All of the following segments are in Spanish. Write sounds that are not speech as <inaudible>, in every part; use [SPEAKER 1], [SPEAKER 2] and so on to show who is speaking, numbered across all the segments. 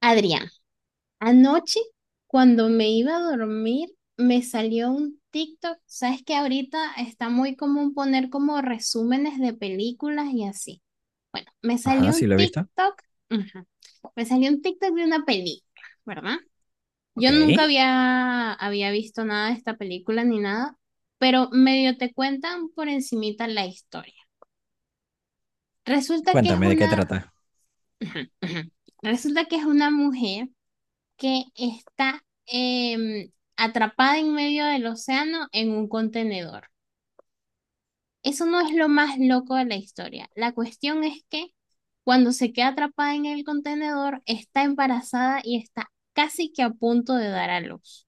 [SPEAKER 1] Adrián, anoche cuando me iba a dormir me salió un TikTok. Sabes que ahorita está muy común poner como resúmenes de películas y así. Bueno, me
[SPEAKER 2] Ajá,
[SPEAKER 1] salió
[SPEAKER 2] sí
[SPEAKER 1] un
[SPEAKER 2] lo he visto.
[SPEAKER 1] TikTok, ujú, me salió un TikTok de una película, ¿verdad?
[SPEAKER 2] Ok.
[SPEAKER 1] Yo nunca había visto nada de esta película ni nada, pero medio te cuentan por encimita la historia. Resulta que es
[SPEAKER 2] Cuéntame de qué
[SPEAKER 1] una,
[SPEAKER 2] trata.
[SPEAKER 1] ujú, ujú, resulta que es una mujer que está atrapada en medio del océano en un contenedor. Eso no es lo más loco de la historia. La cuestión es que cuando se queda atrapada en el contenedor, está embarazada y está casi que a punto de dar a luz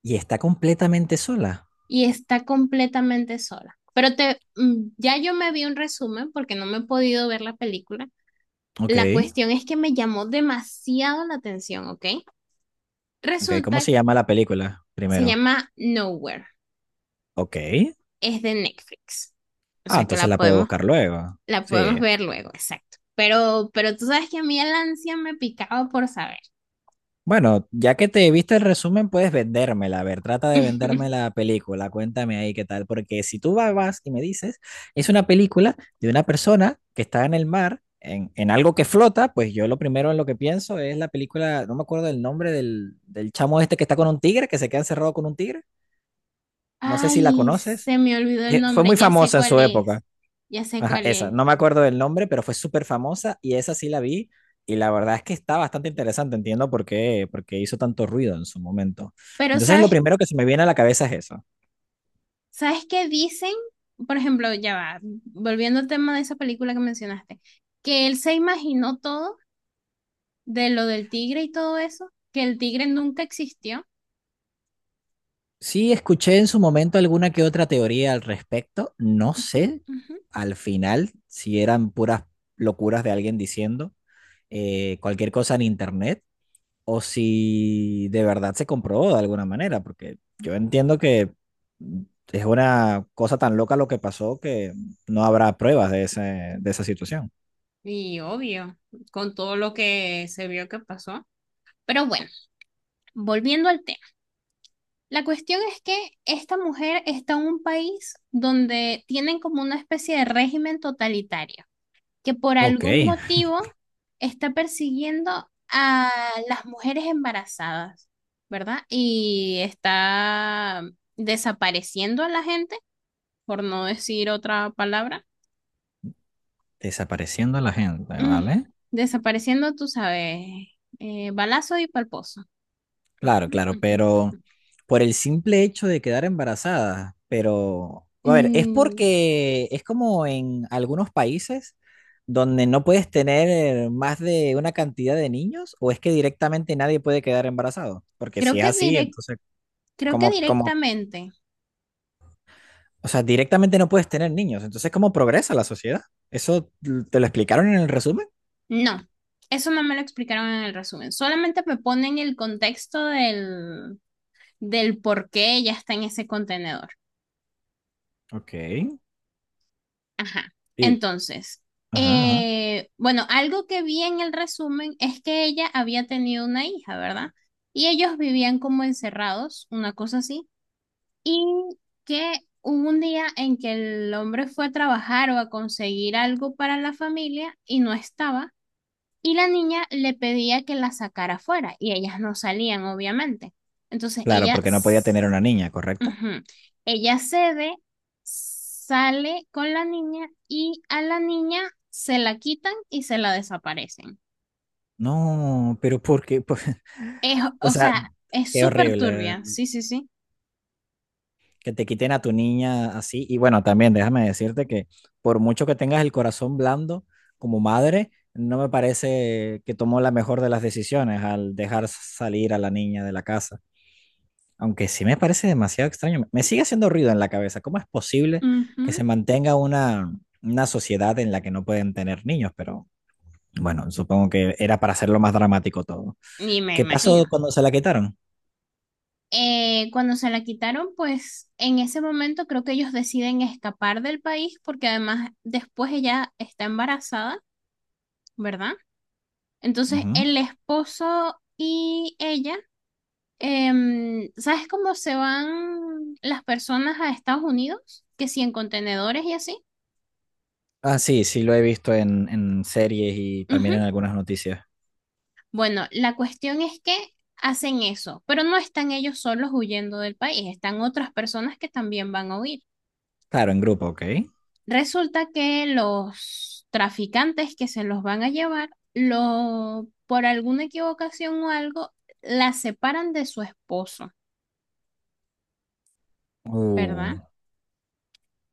[SPEAKER 2] Y está completamente sola.
[SPEAKER 1] y está completamente sola. Pero ya yo me vi un resumen porque no me he podido ver la película.
[SPEAKER 2] Ok.
[SPEAKER 1] La cuestión es que me llamó demasiado la atención, ¿ok?
[SPEAKER 2] Ok. ¿Cómo
[SPEAKER 1] Resulta,
[SPEAKER 2] se llama la película?
[SPEAKER 1] se
[SPEAKER 2] Primero.
[SPEAKER 1] llama Nowhere,
[SPEAKER 2] Ok.
[SPEAKER 1] es de Netflix. O
[SPEAKER 2] Ah,
[SPEAKER 1] sea que
[SPEAKER 2] entonces la puedo buscar luego.
[SPEAKER 1] la
[SPEAKER 2] Sí.
[SPEAKER 1] podemos ver luego, exacto. Pero tú sabes que a mí el ansia me picaba por saber.
[SPEAKER 2] Bueno, ya que te viste el resumen, puedes vendérmela. A ver, trata de venderme la
[SPEAKER 1] <laughs>
[SPEAKER 2] película. Cuéntame ahí qué tal. Porque si vas y me dices, es una película de una persona que está en el mar, en algo que flota, pues yo lo primero en lo que pienso es la película, no me acuerdo el nombre del chamo este que está con un tigre, que se queda encerrado con un tigre. No sé si la
[SPEAKER 1] Ay,
[SPEAKER 2] conoces.
[SPEAKER 1] se me olvidó el
[SPEAKER 2] Fue
[SPEAKER 1] nombre,
[SPEAKER 2] muy
[SPEAKER 1] ya sé
[SPEAKER 2] famosa en
[SPEAKER 1] cuál
[SPEAKER 2] su época.
[SPEAKER 1] es, ya sé
[SPEAKER 2] Ajá,
[SPEAKER 1] cuál
[SPEAKER 2] esa.
[SPEAKER 1] es.
[SPEAKER 2] No me acuerdo del nombre, pero fue súper famosa y esa sí la vi. Y la verdad es que está bastante interesante. Entiendo por qué, porque hizo tanto ruido en su momento.
[SPEAKER 1] Pero
[SPEAKER 2] Entonces, lo
[SPEAKER 1] sabes,
[SPEAKER 2] primero que se me viene a la cabeza es eso.
[SPEAKER 1] ¿sabes qué dicen? Por ejemplo, ya va, volviendo al tema de esa película que mencionaste, que él se imaginó todo de lo del tigre y todo eso, que el tigre nunca existió.
[SPEAKER 2] Sí, escuché en su momento alguna que otra teoría al respecto. No
[SPEAKER 1] Ujú,
[SPEAKER 2] sé
[SPEAKER 1] ujú.
[SPEAKER 2] al final si eran puras locuras de alguien diciendo cualquier cosa en internet o si de verdad se comprobó de alguna manera, porque yo entiendo que es una cosa tan loca lo que pasó que no habrá pruebas de esa situación.
[SPEAKER 1] Y obvio, con todo lo que se vio que pasó. Pero bueno, volviendo al tema. La cuestión es que esta mujer está en un país donde tienen como una especie de régimen totalitario, que por
[SPEAKER 2] Ok,
[SPEAKER 1] algún motivo está persiguiendo a las mujeres embarazadas, ¿verdad? Y está desapareciendo a la gente, por no decir otra palabra.
[SPEAKER 2] desapareciendo a la gente,
[SPEAKER 1] Mm,
[SPEAKER 2] ¿vale?
[SPEAKER 1] Desapareciendo, tú sabes, balazo y palposo. Ujú,
[SPEAKER 2] Claro, claro,
[SPEAKER 1] ujú,
[SPEAKER 2] pero
[SPEAKER 1] ujú.
[SPEAKER 2] por el simple hecho de quedar embarazada, pero, a ver, es
[SPEAKER 1] Mm,
[SPEAKER 2] porque es como en algunos países donde no puedes tener más de una cantidad de niños o es que directamente nadie puede quedar embarazado, porque
[SPEAKER 1] creo
[SPEAKER 2] si es
[SPEAKER 1] que
[SPEAKER 2] así,
[SPEAKER 1] direc-
[SPEAKER 2] entonces
[SPEAKER 1] creo que
[SPEAKER 2] Como, como,
[SPEAKER 1] directamente.
[SPEAKER 2] o sea, directamente no puedes tener niños. Entonces, ¿cómo progresa la sociedad? ¿Eso te lo explicaron en el resumen?
[SPEAKER 1] No, eso no me lo explicaron en el resumen. Solamente me ponen el contexto del, del por qué ella está en ese contenedor.
[SPEAKER 2] Ok.
[SPEAKER 1] Ajá.
[SPEAKER 2] Y,
[SPEAKER 1] Entonces,
[SPEAKER 2] ajá, ajá.
[SPEAKER 1] bueno, algo que vi en el resumen es que ella había tenido una hija, ¿verdad? Y ellos vivían como encerrados, una cosa así, y que hubo un día en que el hombre fue a trabajar o a conseguir algo para la familia y no estaba. Y la niña le pedía que la sacara fuera y ellas no salían, obviamente. Entonces
[SPEAKER 2] Claro, porque no podía tener una niña, ¿correcto?
[SPEAKER 1] ujú, ella cede, sale con la niña y a la niña se la quitan y se la desaparecen.
[SPEAKER 2] No, pero porque, <laughs>
[SPEAKER 1] Es,
[SPEAKER 2] o
[SPEAKER 1] o
[SPEAKER 2] sea,
[SPEAKER 1] sea, es
[SPEAKER 2] qué
[SPEAKER 1] súper
[SPEAKER 2] horrible
[SPEAKER 1] turbia, sí, sí, sí.
[SPEAKER 2] que te quiten a tu niña así. Y bueno, también déjame decirte que por mucho que tengas el corazón blando como madre, no me parece que tomó la mejor de las decisiones al dejar salir a la niña de la casa. Aunque sí me parece demasiado extraño, me sigue haciendo ruido en la cabeza. ¿Cómo es posible que
[SPEAKER 1] Ujú.
[SPEAKER 2] se mantenga una sociedad en la que no pueden tener niños? Pero bueno, supongo que era para hacerlo más dramático todo.
[SPEAKER 1] Y me
[SPEAKER 2] ¿Qué pasó
[SPEAKER 1] imagino.
[SPEAKER 2] cuando se la quitaron?
[SPEAKER 1] Cuando se la quitaron, pues en ese momento creo que ellos deciden escapar del país porque además después ella está embarazada, ¿verdad? Entonces,
[SPEAKER 2] Ujú.
[SPEAKER 1] el esposo y ella, ¿sabes cómo se van las personas a Estados Unidos? Que si en contenedores y así.
[SPEAKER 2] Ah, sí, sí lo he visto en series y también
[SPEAKER 1] Ujú.
[SPEAKER 2] en algunas noticias.
[SPEAKER 1] Bueno, la cuestión es que hacen eso, pero no están ellos solos huyendo del país, están otras personas que también van a huir.
[SPEAKER 2] Claro, en grupo, ok.
[SPEAKER 1] Resulta que los traficantes que se los van a llevar, lo, por alguna equivocación o algo, la separan de su esposo, ¿verdad?
[SPEAKER 2] Uh,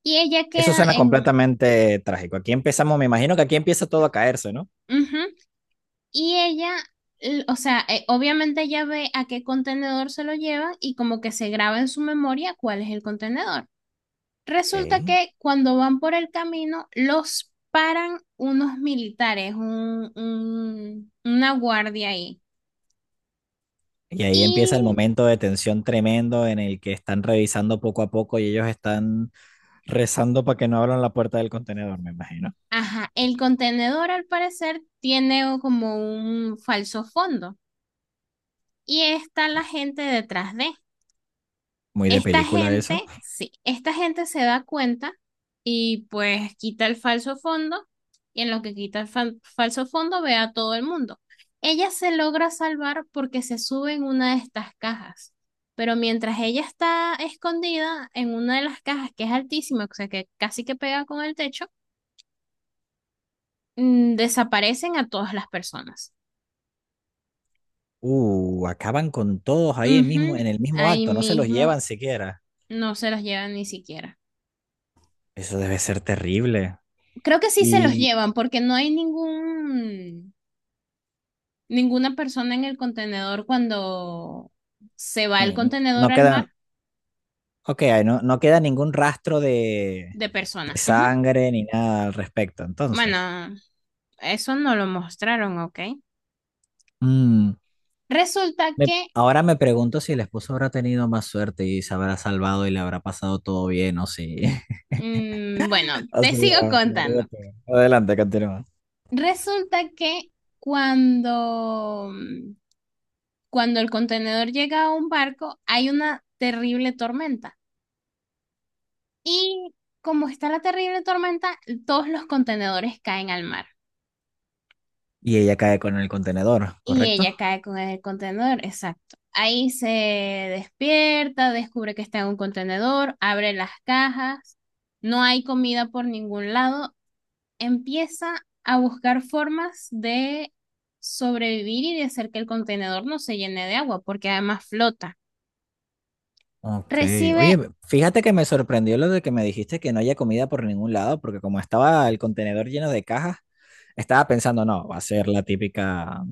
[SPEAKER 1] Y ella
[SPEAKER 2] eso
[SPEAKER 1] queda
[SPEAKER 2] suena
[SPEAKER 1] en
[SPEAKER 2] completamente trágico. Aquí empezamos, me imagino que aquí empieza todo a caerse, ¿no?
[SPEAKER 1] ujú. Y ella, o sea, obviamente ella ve a qué contenedor se lo llevan y como que se graba en su memoria cuál es el contenedor.
[SPEAKER 2] Ok.
[SPEAKER 1] Resulta que cuando van por el camino, los paran unos militares, una guardia ahí.
[SPEAKER 2] Y ahí empieza el
[SPEAKER 1] Y,
[SPEAKER 2] momento de tensión tremendo en el que están revisando poco a poco y ellos están rezando para que no abran la puerta del contenedor, me imagino.
[SPEAKER 1] ajá, el contenedor al parecer tiene como un falso fondo y está la gente detrás de.
[SPEAKER 2] Muy de
[SPEAKER 1] Esta
[SPEAKER 2] película eso.
[SPEAKER 1] gente, sí, esta gente se da cuenta y pues quita el falso fondo y en lo que falso fondo ve a todo el mundo. Ella se logra salvar porque se sube en una de estas cajas, pero mientras ella está escondida en una de las cajas que es altísima, o sea que casi que pega con el techo, desaparecen a todas las personas.
[SPEAKER 2] Acaban con todos ahí en mismo,
[SPEAKER 1] Ujú.
[SPEAKER 2] en el mismo
[SPEAKER 1] Ahí
[SPEAKER 2] acto, no se los
[SPEAKER 1] mismo
[SPEAKER 2] llevan siquiera.
[SPEAKER 1] no se los llevan ni siquiera.
[SPEAKER 2] Eso debe ser terrible.
[SPEAKER 1] Creo que sí se los
[SPEAKER 2] Y
[SPEAKER 1] llevan porque no hay ningún. Ninguna persona en el contenedor cuando se va el contenedor
[SPEAKER 2] no
[SPEAKER 1] al mar
[SPEAKER 2] quedan, ok, no queda ningún rastro
[SPEAKER 1] de
[SPEAKER 2] de
[SPEAKER 1] personas. Ujú.
[SPEAKER 2] sangre ni nada al respecto, entonces.
[SPEAKER 1] Bueno, eso no lo mostraron, ¿ok?
[SPEAKER 2] Mm,
[SPEAKER 1] Resulta que,
[SPEAKER 2] Ahora me pregunto si el esposo habrá tenido más suerte y se habrá salvado y le habrá pasado todo bien o si... <laughs>
[SPEAKER 1] mm, bueno, te
[SPEAKER 2] Así,
[SPEAKER 1] sigo
[SPEAKER 2] ah, la
[SPEAKER 1] contando.
[SPEAKER 2] verdad, pero- Adelante, continúa.
[SPEAKER 1] Resulta que cuando, cuando el contenedor llega a un barco, hay una terrible tormenta. Y como está la terrible tormenta, todos los contenedores caen al mar.
[SPEAKER 2] Y ella cae con el contenedor,
[SPEAKER 1] Y
[SPEAKER 2] ¿correcto?
[SPEAKER 1] ella cae con el contenedor, exacto. Ahí se despierta, descubre que está en un contenedor, abre las cajas, no hay comida por ningún lado, empieza a buscar formas de sobrevivir y de hacer que el contenedor no se llene de agua, porque además flota.
[SPEAKER 2] Ok.
[SPEAKER 1] Recibe,
[SPEAKER 2] Oye, fíjate que me sorprendió lo de que me dijiste que no haya comida por ningún lado, porque como estaba el contenedor lleno de cajas, estaba pensando, no, va a ser la típica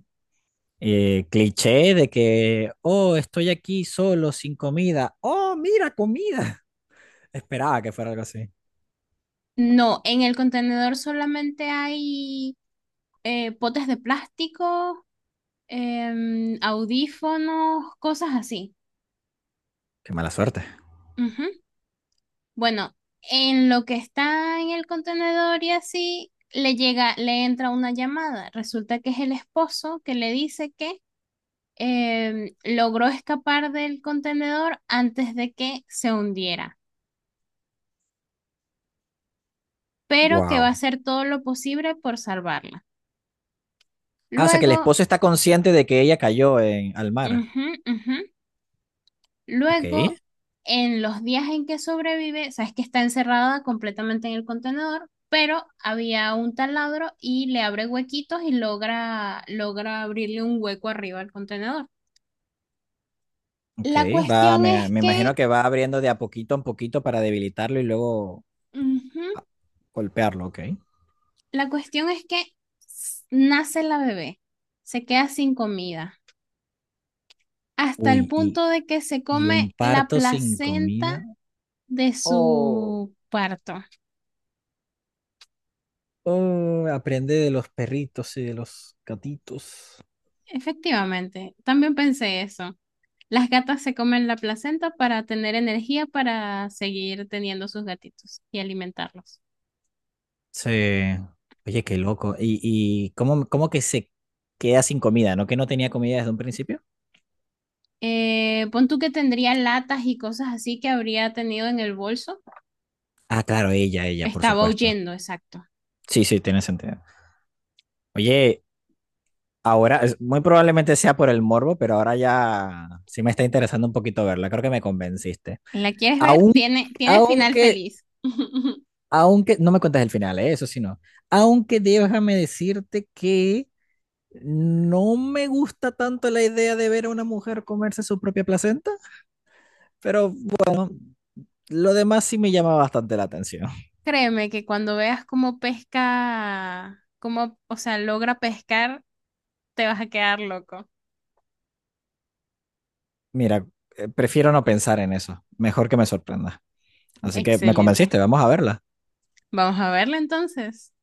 [SPEAKER 2] cliché de que, oh, estoy aquí solo, sin comida. Oh, mira, comida. <laughs> Esperaba que fuera algo así.
[SPEAKER 1] no, en el contenedor solamente hay potes de plástico, audífonos, cosas así.
[SPEAKER 2] Qué mala suerte.
[SPEAKER 1] Ujú. Bueno, en lo que está en el contenedor y así, le llega, le entra una llamada. Resulta que es el esposo que le dice que logró escapar del contenedor antes de que se hundiera, pero que va a
[SPEAKER 2] Wow.
[SPEAKER 1] hacer todo lo posible por salvarla.
[SPEAKER 2] Ah, o sea que el
[SPEAKER 1] Luego,
[SPEAKER 2] esposo está consciente de que ella cayó en, al mar.
[SPEAKER 1] ujú, ujú.
[SPEAKER 2] Ok,
[SPEAKER 1] Luego, en los días en que sobrevive, sabes que está encerrada completamente en el contenedor, pero había un taladro y le abre huequitos y logra, logra abrirle un hueco arriba al contenedor.
[SPEAKER 2] ok.
[SPEAKER 1] La
[SPEAKER 2] Va,
[SPEAKER 1] cuestión es
[SPEAKER 2] me
[SPEAKER 1] que,
[SPEAKER 2] imagino que va abriendo de a poquito en poquito para debilitarlo y luego
[SPEAKER 1] ujú,
[SPEAKER 2] ah, golpearlo, ok.
[SPEAKER 1] la cuestión es que nace la bebé, se queda sin comida, hasta el
[SPEAKER 2] Uy,
[SPEAKER 1] punto de que se
[SPEAKER 2] y
[SPEAKER 1] come
[SPEAKER 2] un
[SPEAKER 1] la
[SPEAKER 2] parto sin
[SPEAKER 1] placenta
[SPEAKER 2] comida.
[SPEAKER 1] de
[SPEAKER 2] Oh,
[SPEAKER 1] su parto.
[SPEAKER 2] oh, aprende de los perritos y de los gatitos.
[SPEAKER 1] Efectivamente, también pensé eso. Las gatas se comen la placenta para tener energía para seguir teniendo sus gatitos y alimentarlos.
[SPEAKER 2] Sí. Oye, qué loco. Y cómo, cómo que se queda sin comida? ¿No que no tenía comida desde un principio?
[SPEAKER 1] Pon tú que tendría latas y cosas así que habría tenido en el bolso.
[SPEAKER 2] Ah, claro, ella, por
[SPEAKER 1] Estaba
[SPEAKER 2] supuesto.
[SPEAKER 1] huyendo, exacto.
[SPEAKER 2] Sí, sí, tiene sentido. Oye, Ahora, muy probablemente sea por el morbo, pero ahora ya sí me está interesando un poquito verla. Creo que me convenciste.
[SPEAKER 1] ¿La quieres ver?
[SPEAKER 2] Aún,
[SPEAKER 1] Tiene, tiene final
[SPEAKER 2] aunque,
[SPEAKER 1] feliz. <laughs>
[SPEAKER 2] Aunque, no me cuentes el final, ¿eh? Eso sí no. Aunque déjame decirte que no me gusta tanto la idea de ver a una mujer comerse su propia placenta, pero lo demás sí me llama bastante la atención.
[SPEAKER 1] Créeme que cuando veas cómo pesca, cómo, o sea, logra pescar, te vas a quedar loco.
[SPEAKER 2] Mira, prefiero no pensar en eso. Mejor que me sorprenda. Así que me
[SPEAKER 1] Excelente.
[SPEAKER 2] convenciste, vamos a verla.
[SPEAKER 1] Vamos a verla entonces.